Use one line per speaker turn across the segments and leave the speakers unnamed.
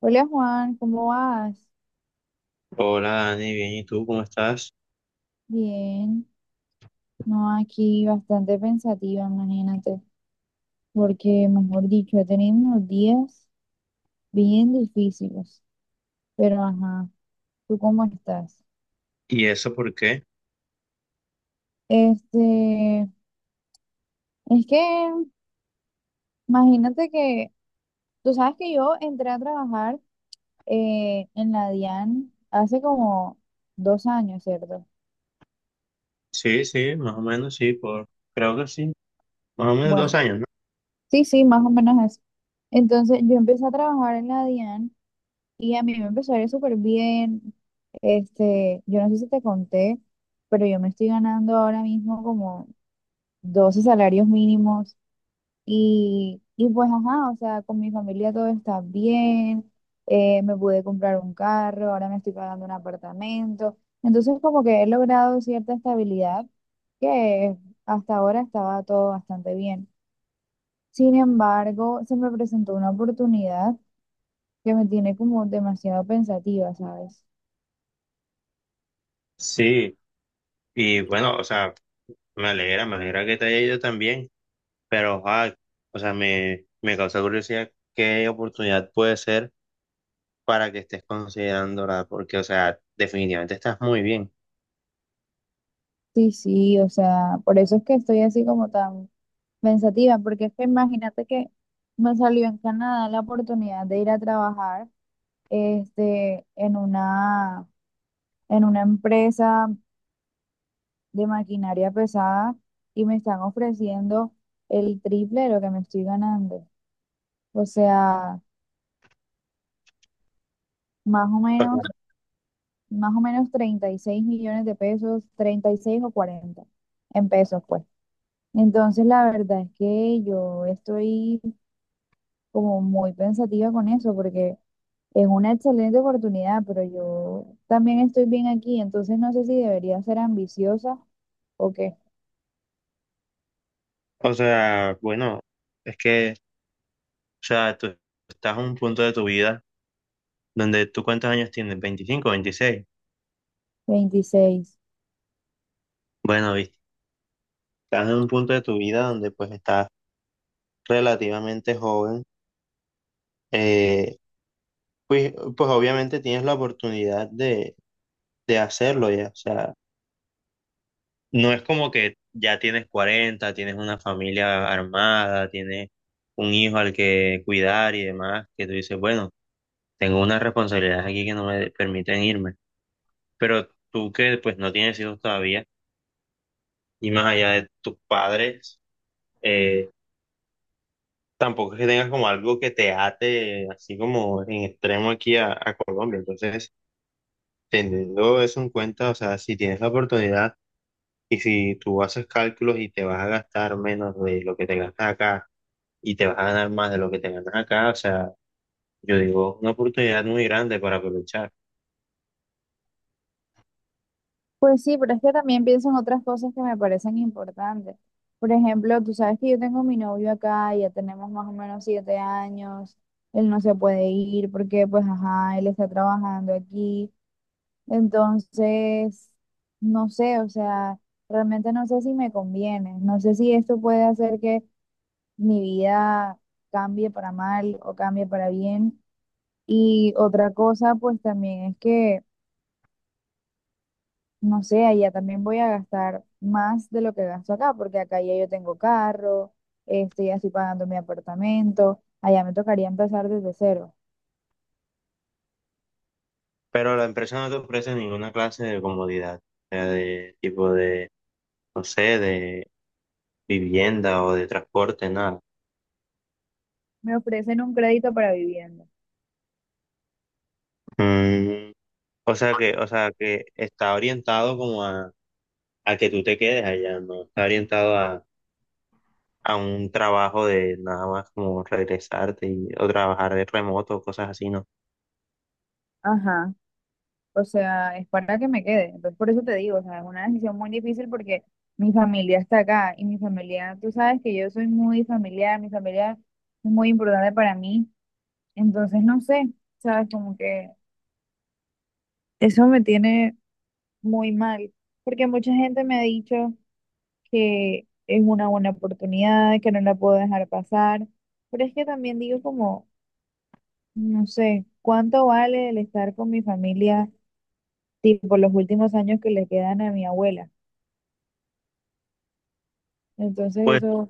Hola Juan, ¿cómo vas?
Hola Dani, bien, ¿y tú cómo estás?
Bien, no, aquí bastante pensativa, imagínate, porque mejor dicho, he tenido unos días bien difíciles, pero ajá, ¿tú cómo estás?
¿Y eso por qué?
Este, es que imagínate que, tú sabes que yo entré a trabajar en la DIAN hace como dos años, ¿cierto?
Sí, sí, más o menos, sí, creo que sí, más o menos dos
Bueno,
años, ¿no?
sí, sí, más o menos eso. Entonces yo empecé a trabajar en la DIAN. Y a mí me empezó a ir súper bien. Yo no sé si te conté, pero yo me estoy ganando ahora mismo como 12 salarios mínimos. Y pues, ajá, o sea, con mi familia todo está bien. Me pude comprar un carro, ahora me estoy pagando un apartamento. Entonces, como que he logrado cierta estabilidad que hasta ahora estaba todo bastante bien. Sin embargo, se me presentó una oportunidad que me tiene como demasiado pensativa, ¿sabes?
Sí, y bueno, o sea, me alegra que te haya ido también, pero, ojalá, o sea, me causa curiosidad qué oportunidad puede ser para que estés considerando, ¿verdad? Porque, o sea, definitivamente estás muy bien.
Sí, sí, o sea, por eso es que estoy así como tan pensativa, porque es que imagínate que me salió en Canadá la oportunidad de ir a trabajar este, en una, en una empresa de maquinaria pesada y me están ofreciendo el triple de lo que me estoy ganando. O sea, más o
O sea,
menos, más o menos 36 millones de pesos, 36 o 40 en pesos, pues. Entonces, la verdad es que yo estoy como muy pensativa con eso, porque es una excelente oportunidad, pero yo también estoy bien aquí, entonces no sé si debería ser ambiciosa o qué.
o sea, bueno, es que, o sea, tú estás en un punto de tu vida donde tú cuántos años tienes, ¿25, 26?
26.
Bueno, estás en un punto de tu vida donde pues estás relativamente joven, eh, pues, obviamente tienes la oportunidad de hacerlo ya. O sea, no es como que ya tienes 40 tienes una familia armada, tienes un hijo al que cuidar y demás, que tú dices, bueno, tengo unas responsabilidades aquí que no me permiten irme. Pero tú que pues no tienes hijos todavía y más allá de tus padres, eh, tampoco es que tengas como algo que te ate así como en extremo aquí a Colombia. Entonces, teniendo eso en cuenta, o sea, si tienes la oportunidad y si tú haces cálculos y te vas a gastar menos de lo que te gastas acá y te vas a ganar más de lo que te ganas acá, o sea, yo digo, una oportunidad muy grande para aprovechar.
Pues sí, pero es que también pienso en otras cosas que me parecen importantes. Por ejemplo, tú sabes que yo tengo mi novio acá, ya tenemos más o menos 7 años, él no se puede ir porque, pues, ajá, él está trabajando aquí. Entonces, no sé, o sea, realmente no sé si me conviene, no sé si esto puede hacer que mi vida cambie para mal o cambie para bien. Y otra cosa, pues también es que, no sé, allá también voy a gastar más de lo que gasto acá, porque acá ya yo tengo carro, ya estoy pagando mi apartamento, allá me tocaría empezar desde cero.
Pero la empresa no te ofrece ninguna clase de comodidad, o sea, de tipo de, no sé, de vivienda o de transporte, nada.
Me ofrecen un crédito para vivienda.
Mm, o sea que está orientado como a que tú te quedes allá, ¿no? Está orientado a un trabajo de nada más como regresarte y, o trabajar de remoto, cosas así, ¿no?
Ajá. O sea, es para que me quede. Entonces, por eso te digo, o sea, es una decisión muy difícil porque mi familia está acá y mi familia, tú sabes que yo soy muy familiar, mi familia es muy importante para mí. Entonces, no sé, ¿sabes? Como que eso me tiene muy mal, porque mucha gente me ha dicho que es una buena oportunidad, que no la puedo dejar pasar, pero es que también digo como, no sé, ¿cuánto vale el estar con mi familia, tipo los últimos años que le quedan a mi abuela? Entonces,
Pues,
eso
o
es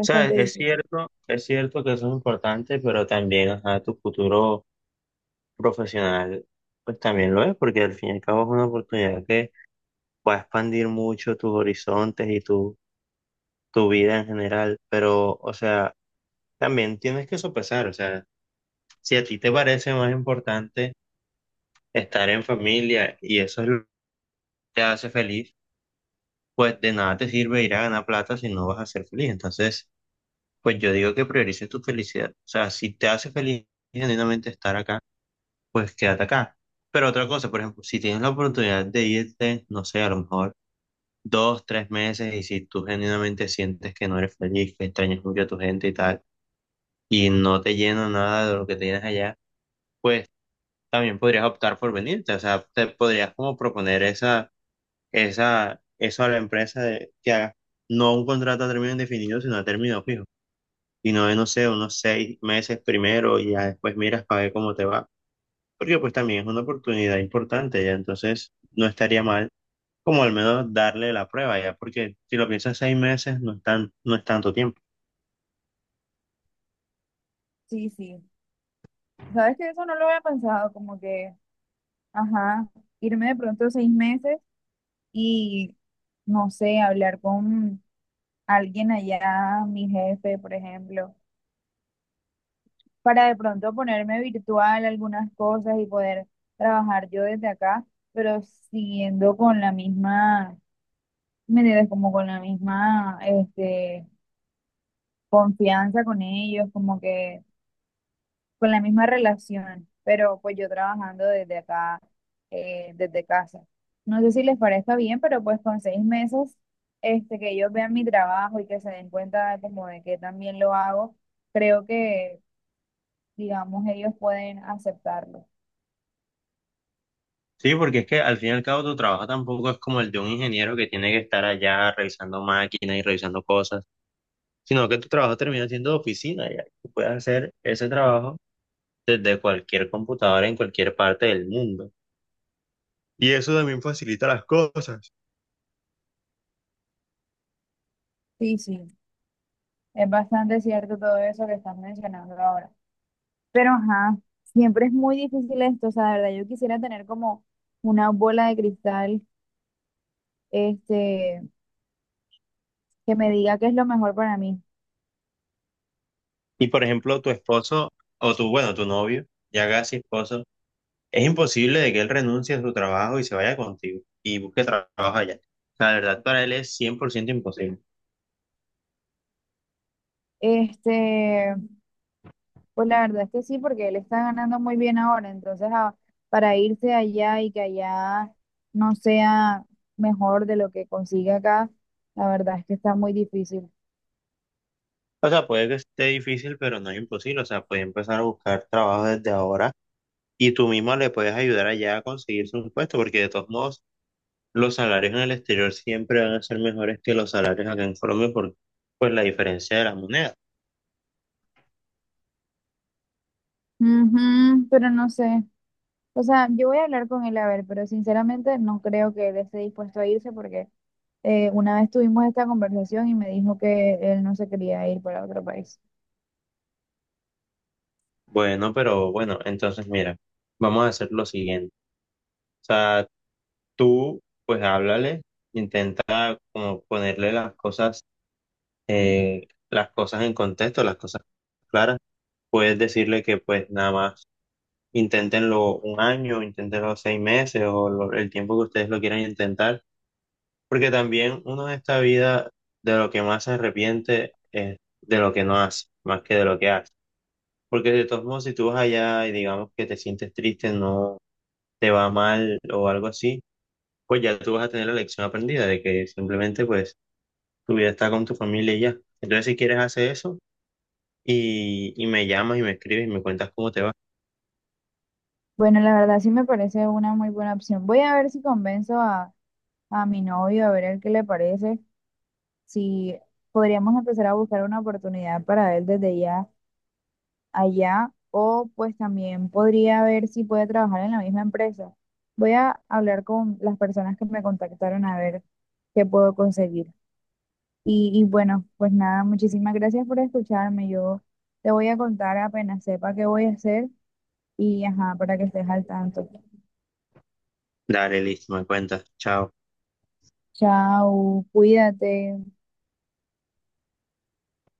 sea, es
difícil.
cierto, es cierto que eso es importante, pero también, o sea, tu futuro profesional, pues también lo es, porque al fin y al cabo es una oportunidad que va a expandir mucho tus horizontes y tu vida en general, pero, o sea, también tienes que sopesar, o sea, si a ti te parece más importante estar en familia y eso es lo que te hace feliz, pues de nada te sirve ir a ganar plata si no vas a ser feliz. Entonces, pues yo digo que priorices tu felicidad. O sea, si te hace feliz genuinamente estar acá, pues quédate acá. Pero otra cosa, por ejemplo, si tienes la oportunidad de irte, no sé, a lo mejor 2, 3 meses y si tú genuinamente sientes que no eres feliz, que extrañas mucho a tu gente y tal, y no te llena nada de lo que tienes allá, pues también podrías optar por venirte. O sea, te podrías como proponer eso a la empresa que haga no un contrato a término indefinido, sino a término fijo. Y no de, no sé, unos 6 meses primero y ya después miras para ver cómo te va. Porque pues también es una oportunidad importante, ya entonces no estaría mal como al menos darle la prueba, ya porque si lo piensas 6 meses no es tanto tiempo.
Sí, sí. ¿Sabes que eso no lo había pensado? Como que, ajá, irme de pronto 6 meses y no sé, hablar con alguien allá, mi jefe, por ejemplo, para de pronto ponerme virtual algunas cosas y poder trabajar yo desde acá, pero siguiendo con la misma, ¿me entiendes? Como con la misma, confianza con ellos, como que con la misma relación, pero pues yo trabajando desde acá, desde casa. No sé si les parezca bien, pero pues con 6 meses, que ellos vean mi trabajo y que se den cuenta como de que también lo hago, creo que, digamos, ellos pueden aceptarlo.
Sí, porque es que al fin y al cabo tu trabajo tampoco es como el de un ingeniero que tiene que estar allá revisando máquinas y revisando cosas, sino que tu trabajo termina siendo de oficina, ya. Tú puedes hacer ese trabajo desde cualquier computadora en cualquier parte del mundo. Y eso también facilita las cosas.
Sí, sí, es bastante cierto todo eso que estás mencionando ahora. Pero, ajá, siempre es muy difícil esto, o sea, de verdad, yo quisiera tener como una bola de cristal, este, que me diga qué es lo mejor para mí.
Y por ejemplo, tu esposo o tu, bueno, tu novio, ya casi esposo, es imposible de que él renuncie a su trabajo y se vaya contigo y busque trabajo allá. O sea, la verdad para él es 100% imposible.
Este, pues la verdad es que sí, porque él está ganando muy bien ahora, entonces para irse allá y que allá no sea mejor de lo que consigue acá, la verdad es que está muy difícil.
O sea, puede que esté difícil, pero no es imposible. O sea, puede empezar a buscar trabajo desde ahora y tú mismo le puedes ayudar allá a conseguirse un puesto, porque de todos modos los salarios en el exterior siempre van a ser mejores que los salarios acá en Colombia por pues, la diferencia de la moneda.
Ujú, pero no sé. O sea, yo voy a hablar con él a ver, pero sinceramente no creo que él esté dispuesto a irse porque una vez tuvimos esta conversación y me dijo que él no se quería ir para otro país.
Bueno, pero bueno, entonces mira, vamos a hacer lo siguiente. O sea, tú pues háblale, intenta como ponerle las cosas en contexto, las cosas claras. Puedes decirle que pues nada más inténtenlo un año, inténtenlo 6 meses o el tiempo que ustedes lo quieran intentar. Porque también uno en esta vida de lo que más se arrepiente es de lo que no hace, más que de lo que hace. Porque de todos modos, si tú vas allá y digamos que te sientes triste, no te va mal o algo así, pues ya tú vas a tener la lección aprendida de que simplemente pues tu vida está con tu familia y ya. Entonces si quieres hacer eso y me llamas y me escribes y me cuentas cómo te va.
Bueno, la verdad sí me parece una muy buena opción. Voy a ver si convenzo a mi novio, a ver el qué le parece, si podríamos empezar a buscar una oportunidad para él desde ya allá o pues también podría ver si puede trabajar en la misma empresa. Voy a hablar con las personas que me contactaron a ver qué puedo conseguir. Y bueno, pues nada, muchísimas gracias por escucharme. Yo te voy a contar apenas sepa qué voy a hacer y ajá, para que estés al tanto.
Dale, listo, me cuentas. Chao.
Chao, cuídate.